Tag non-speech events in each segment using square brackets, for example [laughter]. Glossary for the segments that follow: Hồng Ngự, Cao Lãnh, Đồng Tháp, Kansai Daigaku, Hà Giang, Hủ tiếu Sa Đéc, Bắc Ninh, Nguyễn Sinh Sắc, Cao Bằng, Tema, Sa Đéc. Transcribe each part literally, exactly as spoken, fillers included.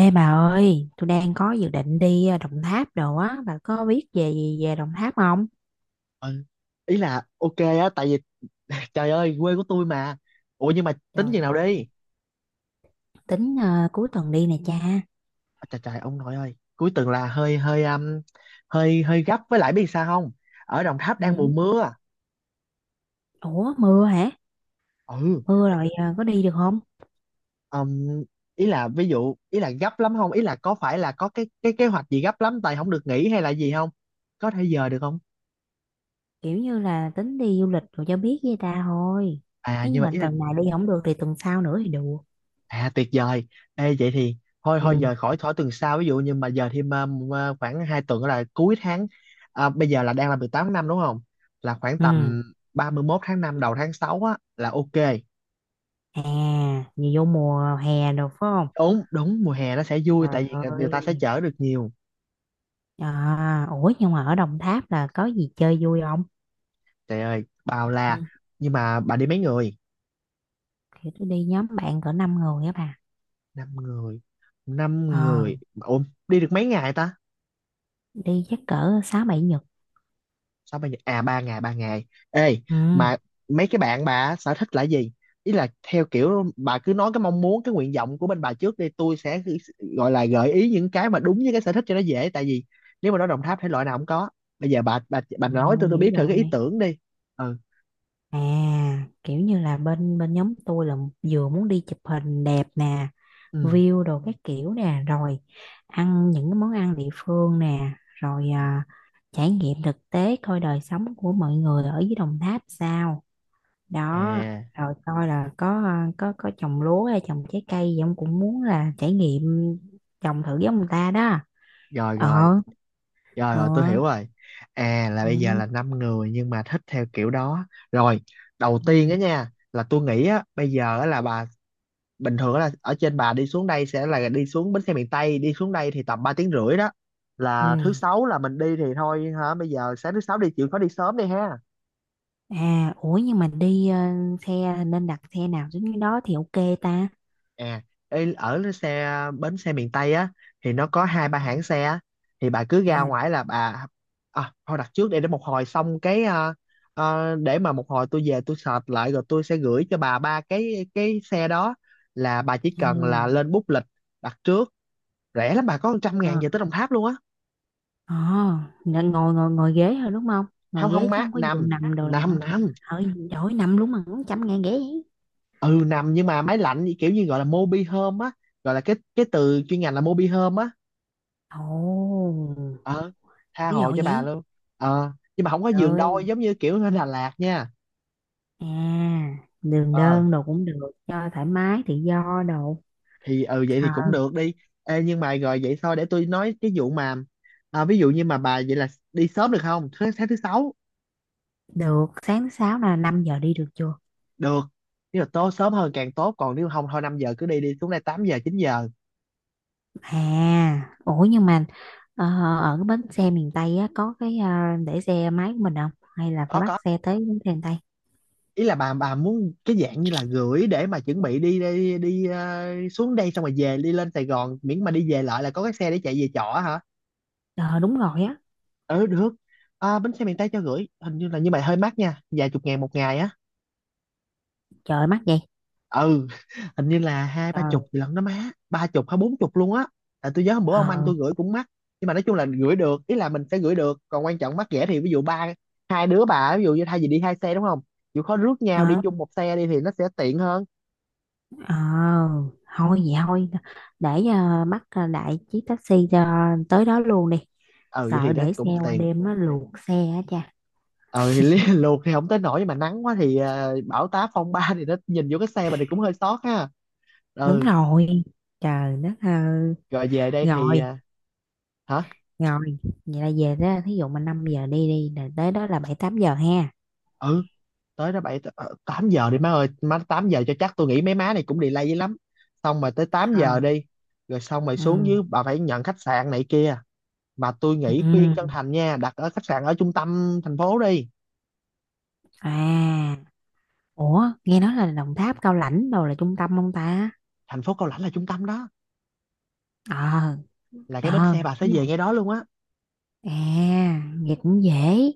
Ê bà ơi, tôi đang có dự định đi ờ, Đồng Tháp đồ á, bà có biết về gì về Đồng Tháp không? Ừ. Ý là ok á tại vì [laughs] trời ơi quê của tôi mà ủa nhưng mà Trời tính chừng nào ơi. đi. Tính ờ, cuối tuần đi nè cha. À, trời trời ông nội ơi cuối tuần là hơi hơi um, hơi hơi gấp với lại biết sao không, ở Đồng Tháp đang mùa Ừ. mưa. Ủa mưa hả? Ừ, Mưa bây giờ, rồi ờ, có đi được không? um, ý là ví dụ ý là gấp lắm không, ý là có phải là có cái cái kế hoạch gì gấp lắm tại không được nghỉ hay là gì không, có thể giờ được không? Kiểu như là tính đi du lịch rồi cho biết với ta thôi. À Nếu như nhưng mà mà ý là. tuần này đi không được thì tuần sau nữa thì được. À tuyệt vời. Ê vậy thì thôi Ừ. thôi giờ khỏi khỏi tuần sau ví dụ, nhưng mà giờ thêm um, à, khoảng hai tuần là cuối tháng. À, bây giờ là đang là mười tám tháng năm đúng không? Là khoảng Ừ. tầm ba mươi mốt tháng năm đầu tháng sáu á là ok. À, vì vô mùa hè được phải không? Đúng đúng, mùa hè nó sẽ vui tại Trời vì người ta sẽ ơi. chở được nhiều. À, ủa nhưng mà ở Đồng Tháp là có gì chơi vui không? Trời ơi, bao Ừ. la. Nhưng mà bà đi mấy người? Thì tôi đi nhóm bạn cỡ năm người á bà. Năm người. Năm Ờ, người. Ủa đi được mấy ngày ta? đi chắc cỡ sáu bảy Nhật. Sáu ba giờ à, ba ngày ba ngày. Ê Ừ. mà mấy cái bạn bà á, sở thích là gì? Ý là theo kiểu bà cứ nói cái mong muốn, cái nguyện vọng của bên bà trước đi, tôi sẽ cứ gọi là gợi ý những cái mà đúng với cái sở thích cho nó dễ, tại vì nếu mà nói Đồng Tháp thể loại nào cũng có. Bây giờ bà bà bà nói tôi Trời tôi dữ biết thử dội cái ý vậy. tưởng đi. Ừ. À, kiểu như là bên bên nhóm tôi là vừa muốn đi chụp hình đẹp nè, Ừ. view đồ các kiểu nè, rồi ăn những cái món ăn địa phương nè, Ừ. rồi à, trải nghiệm thực tế coi đời sống của mọi người ở dưới Đồng Tháp sao. Đó, À. rồi coi là có à, có có trồng lúa hay trồng trái cây gì ông cũng muốn là trải nghiệm trồng thử giống người ta đó. rồi rồi Ờ, rồi ờ. rồi tôi hiểu rồi. À là bây giờ Ừ. là năm người nhưng mà thích theo kiểu đó. Rồi đầu tiên Ừ. á nha, là tôi nghĩ á, bây giờ á là bà bình thường là ở trên, bà đi xuống đây sẽ là đi xuống bến xe miền Tây, đi xuống đây thì tầm ba tiếng rưỡi đó. Ừ. Là thứ sáu là mình đi thì thôi hả, bây giờ sáng thứ sáu đi, chịu khó đi sớm đi ha. À, ủa nhưng mà đi ờ, xe nên đặt xe nào giống như đó thì ok ta. À ê, ở xe bến xe miền Tây á thì nó có hai ba Ừ, hãng xe á. Thì bà cứ ra ha, ngoài là bà, à, thôi đặt trước, để để một hồi xong cái, à, à, để mà một hồi tôi về tôi search lại rồi tôi sẽ gửi cho bà ba cái cái xe đó, là bà chỉ à, cần là lên book lịch đặt trước. Rẻ lắm bà, có một trăm à, ngàn à, về tới Đồng Tháp luôn á. ờ, nên ngồi ngồi ngồi ghế thôi đúng không? Ngồi Không ghế không chứ má, không có nằm giường nằm đồ nằm nọ. nằm Ở đổi nằm luôn mà cũng trăm ngàn ghế vậy. Ừ nằm, nhưng mà máy lạnh như kiểu như gọi là mobi home á, gọi là cái cái từ chuyên ngành là mobi home á. Ồ, Ờ tha ví dụ hồ cho bà vậy. luôn. Ờ nhưng mà không có Trời giường đôi ơi, giống như kiểu ở Đà Lạt nha. à, đường Ờ đơn đồ cũng được, cho thoải mái tự do đồ. thì ừ vậy Ờ, thì cũng được đi. Ê, nhưng mà rồi vậy thôi để tôi nói cái vụ mà, à, ví dụ như mà bà vậy là đi sớm được không thứ sáng thứ sáu? được, sáng thứ sáu là năm giờ đi được chưa? Được, nếu mà tối sớm hơn càng tốt, còn nếu không thôi năm giờ cứ đi, đi xuống đây tám giờ chín giờ. À, ủa nhưng mà ờ, ở cái bến xe miền Tây á, có cái ờ, để xe máy của mình không? Hay là có phải bắt có xe tới bến xe miền Tây? ý là bà bà muốn cái dạng như là gửi để mà chuẩn bị đi đi đi ờ, xuống đây xong rồi về đi lên Sài Gòn, miễn mà đi về lại là có cái xe để chạy về trọ hả. Ờ đúng rồi á, Ừ được. À, bến xe miền Tây cho gửi hình như là, nhưng mà hơi mắc nha, vài chục ngàn một ngày á. trời mắc vậy. Ừ [laughs] hình như là hai Ờ, ba chục gì lận đó má, ba chục hay bốn chục luôn á, tại tôi nhớ hôm bữa ông anh ờ, tôi gửi cũng mắc. Nhưng mà nói chung là gửi được, ý là mình sẽ gửi được, còn quan trọng mắc rẻ thì ví dụ ba hai đứa bà, ví dụ như thay vì đi hai xe đúng không, chịu khó rước nhau đi ờ, chung một xe đi thì nó sẽ tiện hơn. ờ, thôi vậy thôi, để ờ, bắt ờ, đại chiếc taxi cho tới đó luôn đi. Ừ vậy thì Sợ nó để xe cũng qua tiền. đêm nó luộc xe á cha. ờ thì lý- [laughs] luộc thì không tới nổi, nhưng mà nắng quá thì à, bão táp phong ba thì nó nhìn vô cái xe mình thì cũng hơi sót ha. Đúng Ừ rồi, trời đất ơi. rồi về đây thì Rồi, à, hả. rồi, vậy là về đó, thí dụ mà năm giờ đi đi, là tới đó là bảy tám giờ ha. Ừ, tới đó bảy ờ, tám giờ đi má ơi, má tám giờ cho chắc, tôi nghĩ mấy má này cũng delay dữ lắm, xong mà tới tám giờ Ờ, đi. Rồi xong rồi ừ. xuống dưới bà phải nhận khách sạn này kia, mà tôi nghĩ khuyên chân Ừ. thành nha, đặt ở khách sạn ở trung tâm thành phố đi. À, ủa, nghe nói là Đồng Tháp Cao Lãnh đâu là trung tâm không ta? Thành phố Cao Lãnh là trung tâm đó, Ờ, là cái bến ờ, xe bà sẽ đúng về rồi. ngay đó luôn á. À, vậy cũng dễ.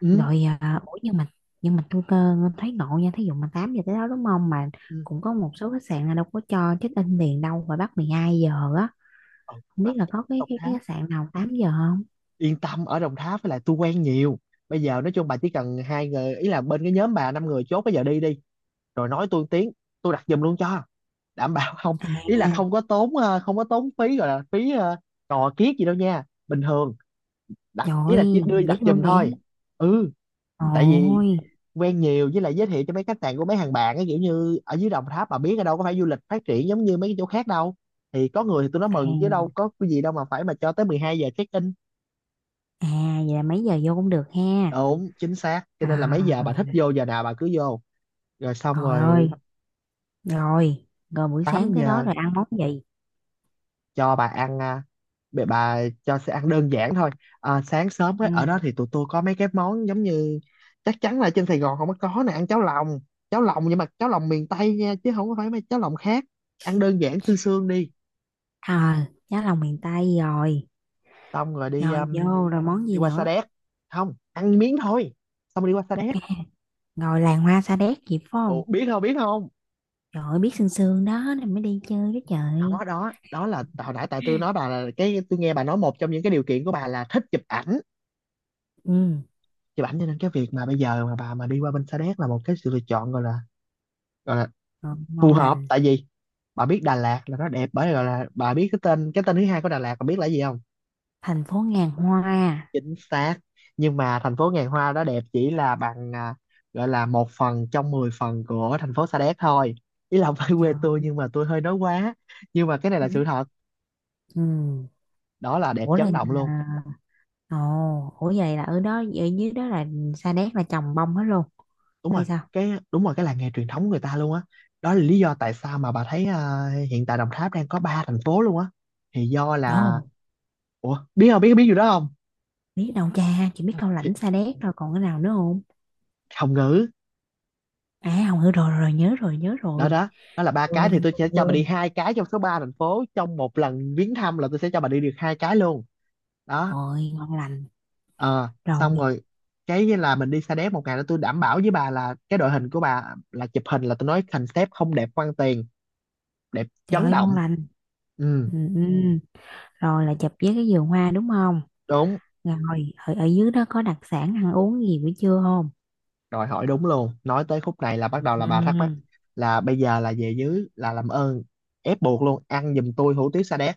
Ừ. Rồi, à, ủa nhưng mà nhưng mà tôi cơ thấy ngộ nha, thí dụ mà tám giờ tới đó đúng không mà Ừ. cũng có một số khách sạn là đâu có cho check in liền đâu và bắt mười hai giờ á. Ừ, Không biết là có cái cái, mà cái khách sạn nào tám giờ không? yên tâm, ở Đồng Tháp với lại tôi quen nhiều. Bây giờ nói chung bà chỉ cần hai người, ý là bên cái nhóm bà năm người chốt bây giờ đi đi, rồi nói tôi một tiếng, tôi đặt giùm luôn cho, đảm bảo [laughs] không, ý là À, không có tốn ờ, không có tốn phí gọi là phí ờ, cò kiết gì đâu nha, bình thường đặt trời ý là chỉ ơi, đưa dễ đặt thương giùm vậy. thôi. Ừ, tại vì Ôi, quen nhiều, với lại giới thiệu cho mấy khách sạn của mấy hàng bạn ấy, kiểu như ở dưới Đồng Tháp bà biết, ở đâu có phải du lịch phát triển giống như mấy cái chỗ khác đâu, thì có người thì tôi nói à, mừng chứ đâu có cái gì đâu mà phải mà cho tới mười hai giờ check in. à vậy là mấy giờ vô cũng được ha. Đúng chính xác, cho nên là mấy À, giờ bà thích vô giờ nào bà cứ vô. Rồi xong trời rồi, ơi. Rồi, rồi buổi sáng tám tới đó giờ rồi ăn món gì? cho bà ăn à, bà, bà cho sẽ ăn đơn giản thôi. À, sáng sớm ấy, Ừ. ở đó thì tụi tôi có mấy cái món giống như chắc chắn là trên Sài Gòn không có có nè, ăn cháo lòng. Cháo lòng nhưng mà cháo lòng miền Tây nha, chứ không có phải mấy cháo lòng khác. Ăn đơn giản xương xương đi. À, giá lòng miền Tây rồi. Xong rồi đi Rồi um, vô rồi món đi gì qua Sa nữa? Đéc, không ăn miếng thôi, xong rồi đi qua Sa Đéc. Rồi làng hoa sa đéc gì phải không? Ủa, biết không biết không? Trời ơi, biết sương sương đó nên mới đi chơi đó Đó trời. đó, đó là hồi nãy tại tôi nói bà, là cái tôi nghe bà nói một trong những cái điều kiện của bà là thích chụp ảnh, Ừ, chụp ảnh, cho nên cái việc mà bây giờ mà bà mà đi qua bên Sa Đéc là một cái sự lựa chọn gọi là gọi là rồi ngon phù hợp. lành. Tại vì bà biết Đà Lạt là nó đẹp bởi vì gọi là, bà biết cái tên cái tên thứ hai của Đà Lạt, bà biết là gì không? Thành phố ngàn hoa. Chính xác. Nhưng mà thành phố ngàn hoa đó đẹp chỉ là bằng à, gọi là một phần trong mười phần của thành phố Sa Đéc thôi, ý là không phải quê Trời. tôi nhưng mà tôi hơi nói quá, nhưng mà cái này là Ừ. sự thật. Ừ. Đó là đẹp Ủa là chấn động luôn. nhà... Ồ, ủa vậy là ở đó ở dưới đó là sa đéc là trồng bông hết luôn Đúng rồi, hay sao? cái đúng rồi, cái làng nghề truyền thống của người ta luôn á. Đó là lý do tại sao mà bà thấy à, hiện tại Đồng Tháp đang có ba thành phố luôn á, thì do là, Ồ, ủa biết không, biết biết gì đó không? biết đâu cha, chỉ biết cao Thì lãnh sa đéc rồi còn cái nào nữa. Hồng Ngự. À không hiểu rồi, rồi rồi, nhớ rồi nhớ Đó rồi đó, đó là ba cái, thì quên quên tôi sẽ cho bà đi quên. hai cái trong số ba thành phố, trong một lần viếng thăm là tôi sẽ cho bà đi được hai cái luôn. Đó. Rồi ngon lành. Ờ Rồi xong rồi cái là mình đi Sa Đéc một ngày đó, tôi đảm bảo với bà là cái đội hình của bà là chụp hình, là tôi nói concept không đẹp quan tiền, đẹp trời chấn ơi ngon động. lành. Ừ Ừ, ừ. Rồi là chụp với cái vườn hoa đúng không? đúng. Rồi ở, ở dưới đó có đặc sản ăn uống gì buổi trưa không? Rồi hỏi đúng luôn, nói tới khúc này là bắt đầu là bà thắc mắc, Ừm, là bây giờ là về dưới là làm ơn ép buộc luôn, ăn giùm tôi hủ tiếu sa đéc,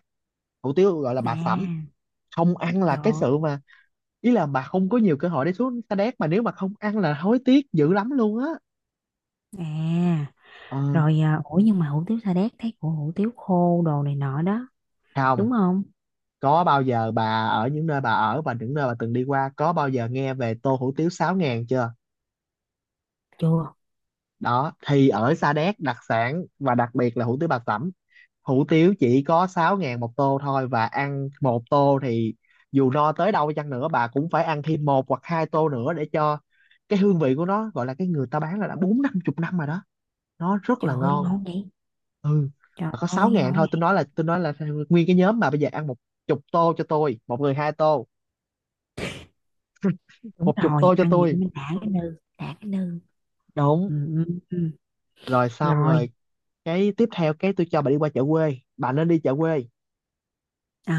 hủ tiếu gọi là bà sẩm, À không ăn là trời cái ơi. sự mà, ý là bà không có nhiều cơ hội để xuống sa đéc, mà nếu mà không ăn là hối tiếc dữ lắm luôn á. À Ờ, rồi à, ủa nhưng mà hủ tiếu Sa Đéc thấy của hủ tiếu khô đồ này nọ đó. không, Đúng không? có bao giờ bà ở những nơi bà ở và những nơi bà từng đi qua có bao giờ nghe về tô hủ tiếu sáu ngàn chưa? Chưa. Đó, thì ở Sa Đéc đặc sản và đặc biệt là hủ tiếu bà sẩm, hủ tiếu chỉ có sáu ngàn một tô thôi, và ăn một tô thì dù no tới đâu chăng nữa bà cũng phải ăn thêm một hoặc hai tô nữa để cho cái hương vị của nó, gọi là cái người ta bán là đã bốn năm chục năm rồi đó, nó rất Trời là ơi ngon. ngon vậy. Ừ, Trời mà có sáu ơi ngàn ngon thôi. này. Tôi nói là tôi nói là nguyên cái nhóm mà bây giờ ăn một chục tô cho tôi, một người hai tô, Đúng một chục rồi tô cho ăn vậy cho tôi, mình đã cái nư. Đã cái nư. đúng. Ừ, ừ, ừ. Rồi, xong Rồi. rồi, cái tiếp theo cái tôi cho bà đi qua chợ quê, bà nên đi chợ quê. Ờ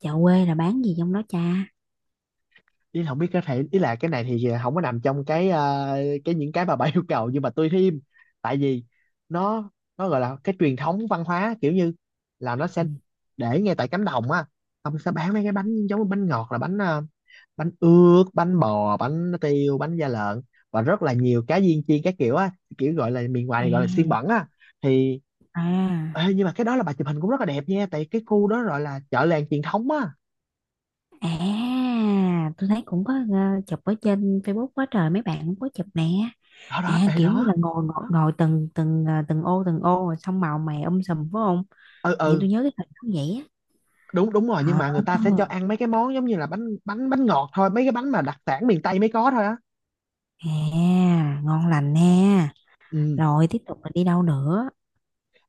chợ quê là bán gì trong đó cha? Ý là không biết có thể, ý là cái này thì không có nằm trong cái ờ, cái những cái mà bà [laughs] yêu cầu, nhưng mà tôi thêm. Tại vì nó nó gọi là cái truyền thống văn hóa, kiểu như là nó sẽ để ngay tại cánh đồng á, ông sẽ bán mấy cái bánh giống như bánh ngọt, là bánh ờ, bánh ướt, bánh bò, bánh tiêu, bánh da lợn, và rất là nhiều cá viên chiên các kiểu á, kiểu gọi là miền Ừ. ngoài thì gọi là xiên bẩn á. Thì ê, À nhưng mà cái đó là bà chụp hình cũng rất là đẹp nha, tại cái khu đó gọi là chợ làng truyền thống á. à à tôi thấy cũng có ờ, chụp ở trên Facebook quá trời mấy bạn cũng có chụp nè. Đó đó, À ê kiểu như là đó. ngồi ngồi, ngồi từng từng ờ, từng ô từng ô rồi xong màu mè um sùm phải không? Ừ, Nhưng tôi ừ. nhớ cái hình nó vậy á. Đúng, đúng rồi, nhưng Ờ, mà người ta sẽ cho ăn mấy cái món giống như là bánh bánh bánh ngọt thôi, mấy cái bánh mà đặc sản miền Tây mới có thôi á. à ngon lành nè. Ừ. Rồi tiếp tục là đi đâu nữa?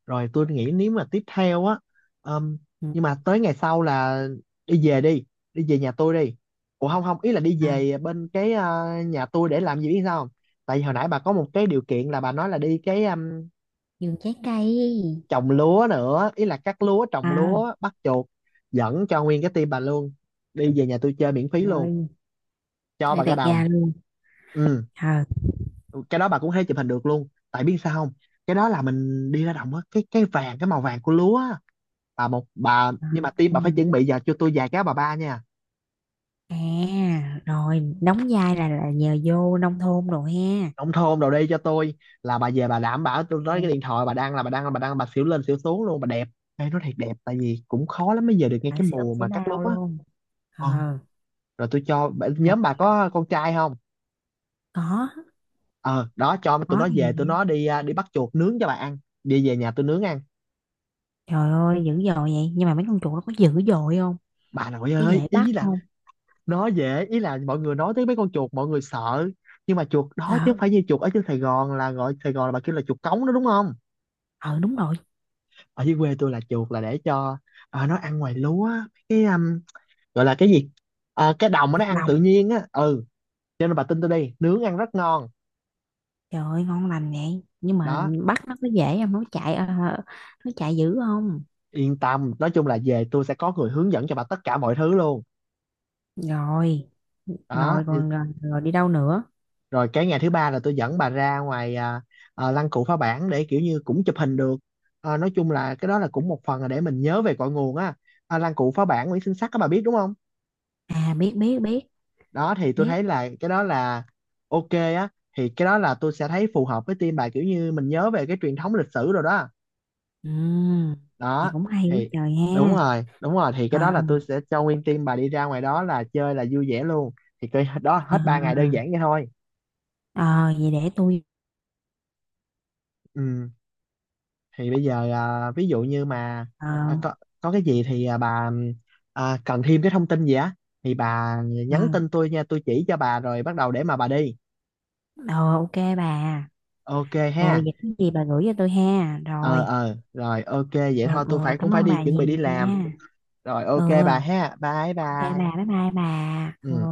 Rồi tôi nghĩ nếu mà tiếp theo á, ừm, Ừ, nhưng mà tới ngày sau là đi về đi đi về nhà tôi đi. Ủa, không không, ý là đi à, về bên cái ờ, nhà tôi để làm gì biết sao không? Tại vì hồi nãy bà có một cái điều kiện là bà nói là đi cái ừm, vườn trái cây. trồng lúa nữa, ý là cắt lúa, trồng À lúa, bắt chuột, dẫn cho nguyên cái team bà luôn, đi về nhà tôi chơi miễn phí luôn, rồi cho chơi bà cả tẹt đồng. ga luôn. Ừ, Ờ. cái đó bà cũng hay chụp hình được luôn, tại biết sao không, cái đó là mình đi ra đồng á, cái cái vàng, cái màu vàng của lúa á. Bà một bà, À, nhưng mà tim bà phải chuẩn bị giờ cho tôi vài cái bà ba nha, à, rồi đóng vai là là nhờ vô nông thôn rồi ha. nông thôn đồ đi cho tôi. Là bà về, bà đảm bảo, tôi nói cái Rồi, điện thoại bà đang là bà đang là bà đang bà xỉu lên xỉu xuống luôn, bà đẹp. Ê, nó thiệt đẹp tại vì cũng khó lắm mới về được ngay phải cái sẽ úp mùa sẽ mà cắt lúa bao á. luôn. ờ Ờ, Rồi tôi cho bà- nào nhóm mà bà có con trai không? có, Ờ, đó cho tụi có nó về, tụi nè. nó đi à, đi bắt chuột nướng cho bà ăn, đi về nhà tôi nướng ăn. Trời ơi, dữ dội vậy. Nhưng mà mấy con chuột nó có dữ dội không? Bà nội Có ơi, dễ bắt ý là không? nó dễ, ý là mọi người nói tới mấy con chuột mọi người sợ, nhưng mà chuột đó chứ không Ờ, phải như chuột ở trên Sài Gòn, là gọi Sài Gòn là bà kêu là chuột cống đó đúng không? ờ đúng rồi, Ở dưới quê tôi là chuột là để cho ờ, nó ăn ngoài lúa á, cái um, gọi là cái gì, ờ, cái đồng mà nó chuột ăn đồng. tự nhiên á. Ừ, cho nên bà tin tôi đi, nướng ăn rất ngon Trời ơi, ngon lành vậy. Nhưng mà đó. bắt nó có dễ không? Nó chạy, ờ, nó chạy dữ không? Yên tâm, nói chung là về tôi sẽ có người hướng dẫn cho bà tất cả mọi thứ luôn Rồi, đó. rồi còn rồi, rồi đi đâu nữa? Rồi cái ngày thứ ba là tôi dẫn bà ra ngoài à, à, lăng cụ phá bản, để kiểu như cũng chụp hình được. Ờ, nói chung là cái đó là cũng một phần là để mình nhớ về cội nguồn á, à, lăng cụ phá bản Nguyễn Sinh Sắc các bà biết đúng không? À, biết, biết, biết, Đó, thì tôi biết. thấy là cái đó là ok á, thì cái đó là tôi sẽ thấy phù hợp với team bà, kiểu như mình nhớ về cái truyền thống lịch sử rồi đó. Ừ, vậy Đó cũng hay quá thì, trời đúng ha. rồi đúng rồi, thì cái Ờ. đó là tôi sẽ cho nguyên team bà đi ra ngoài đó là chơi là vui vẻ luôn. Thì cái đó Ờ, hết ba ngày, đơn giản vậy thôi. ờ, vậy để tôi Ừ, thì bây giờ à, ví dụ như mà ờ, à, có có cái gì thì à, bà à, cần thêm cái thông tin gì á thì bà ờ, nhắn tin tôi nha, tôi chỉ cho bà rồi bắt đầu để mà bà đi, ờ, ok bà. ok Ừ, ha. vậy cái gì bà gửi cho tôi ha Ờ rồi. ờ, rồi ok, vậy Ừ, thôi tôi ừ, phải cũng cảm phải ơn đi bà chuẩn bị đi nhiều làm, nha. rồi Ừ ok bà ha, bye ok bà bye. bye bye bà. Ừ. Ừ.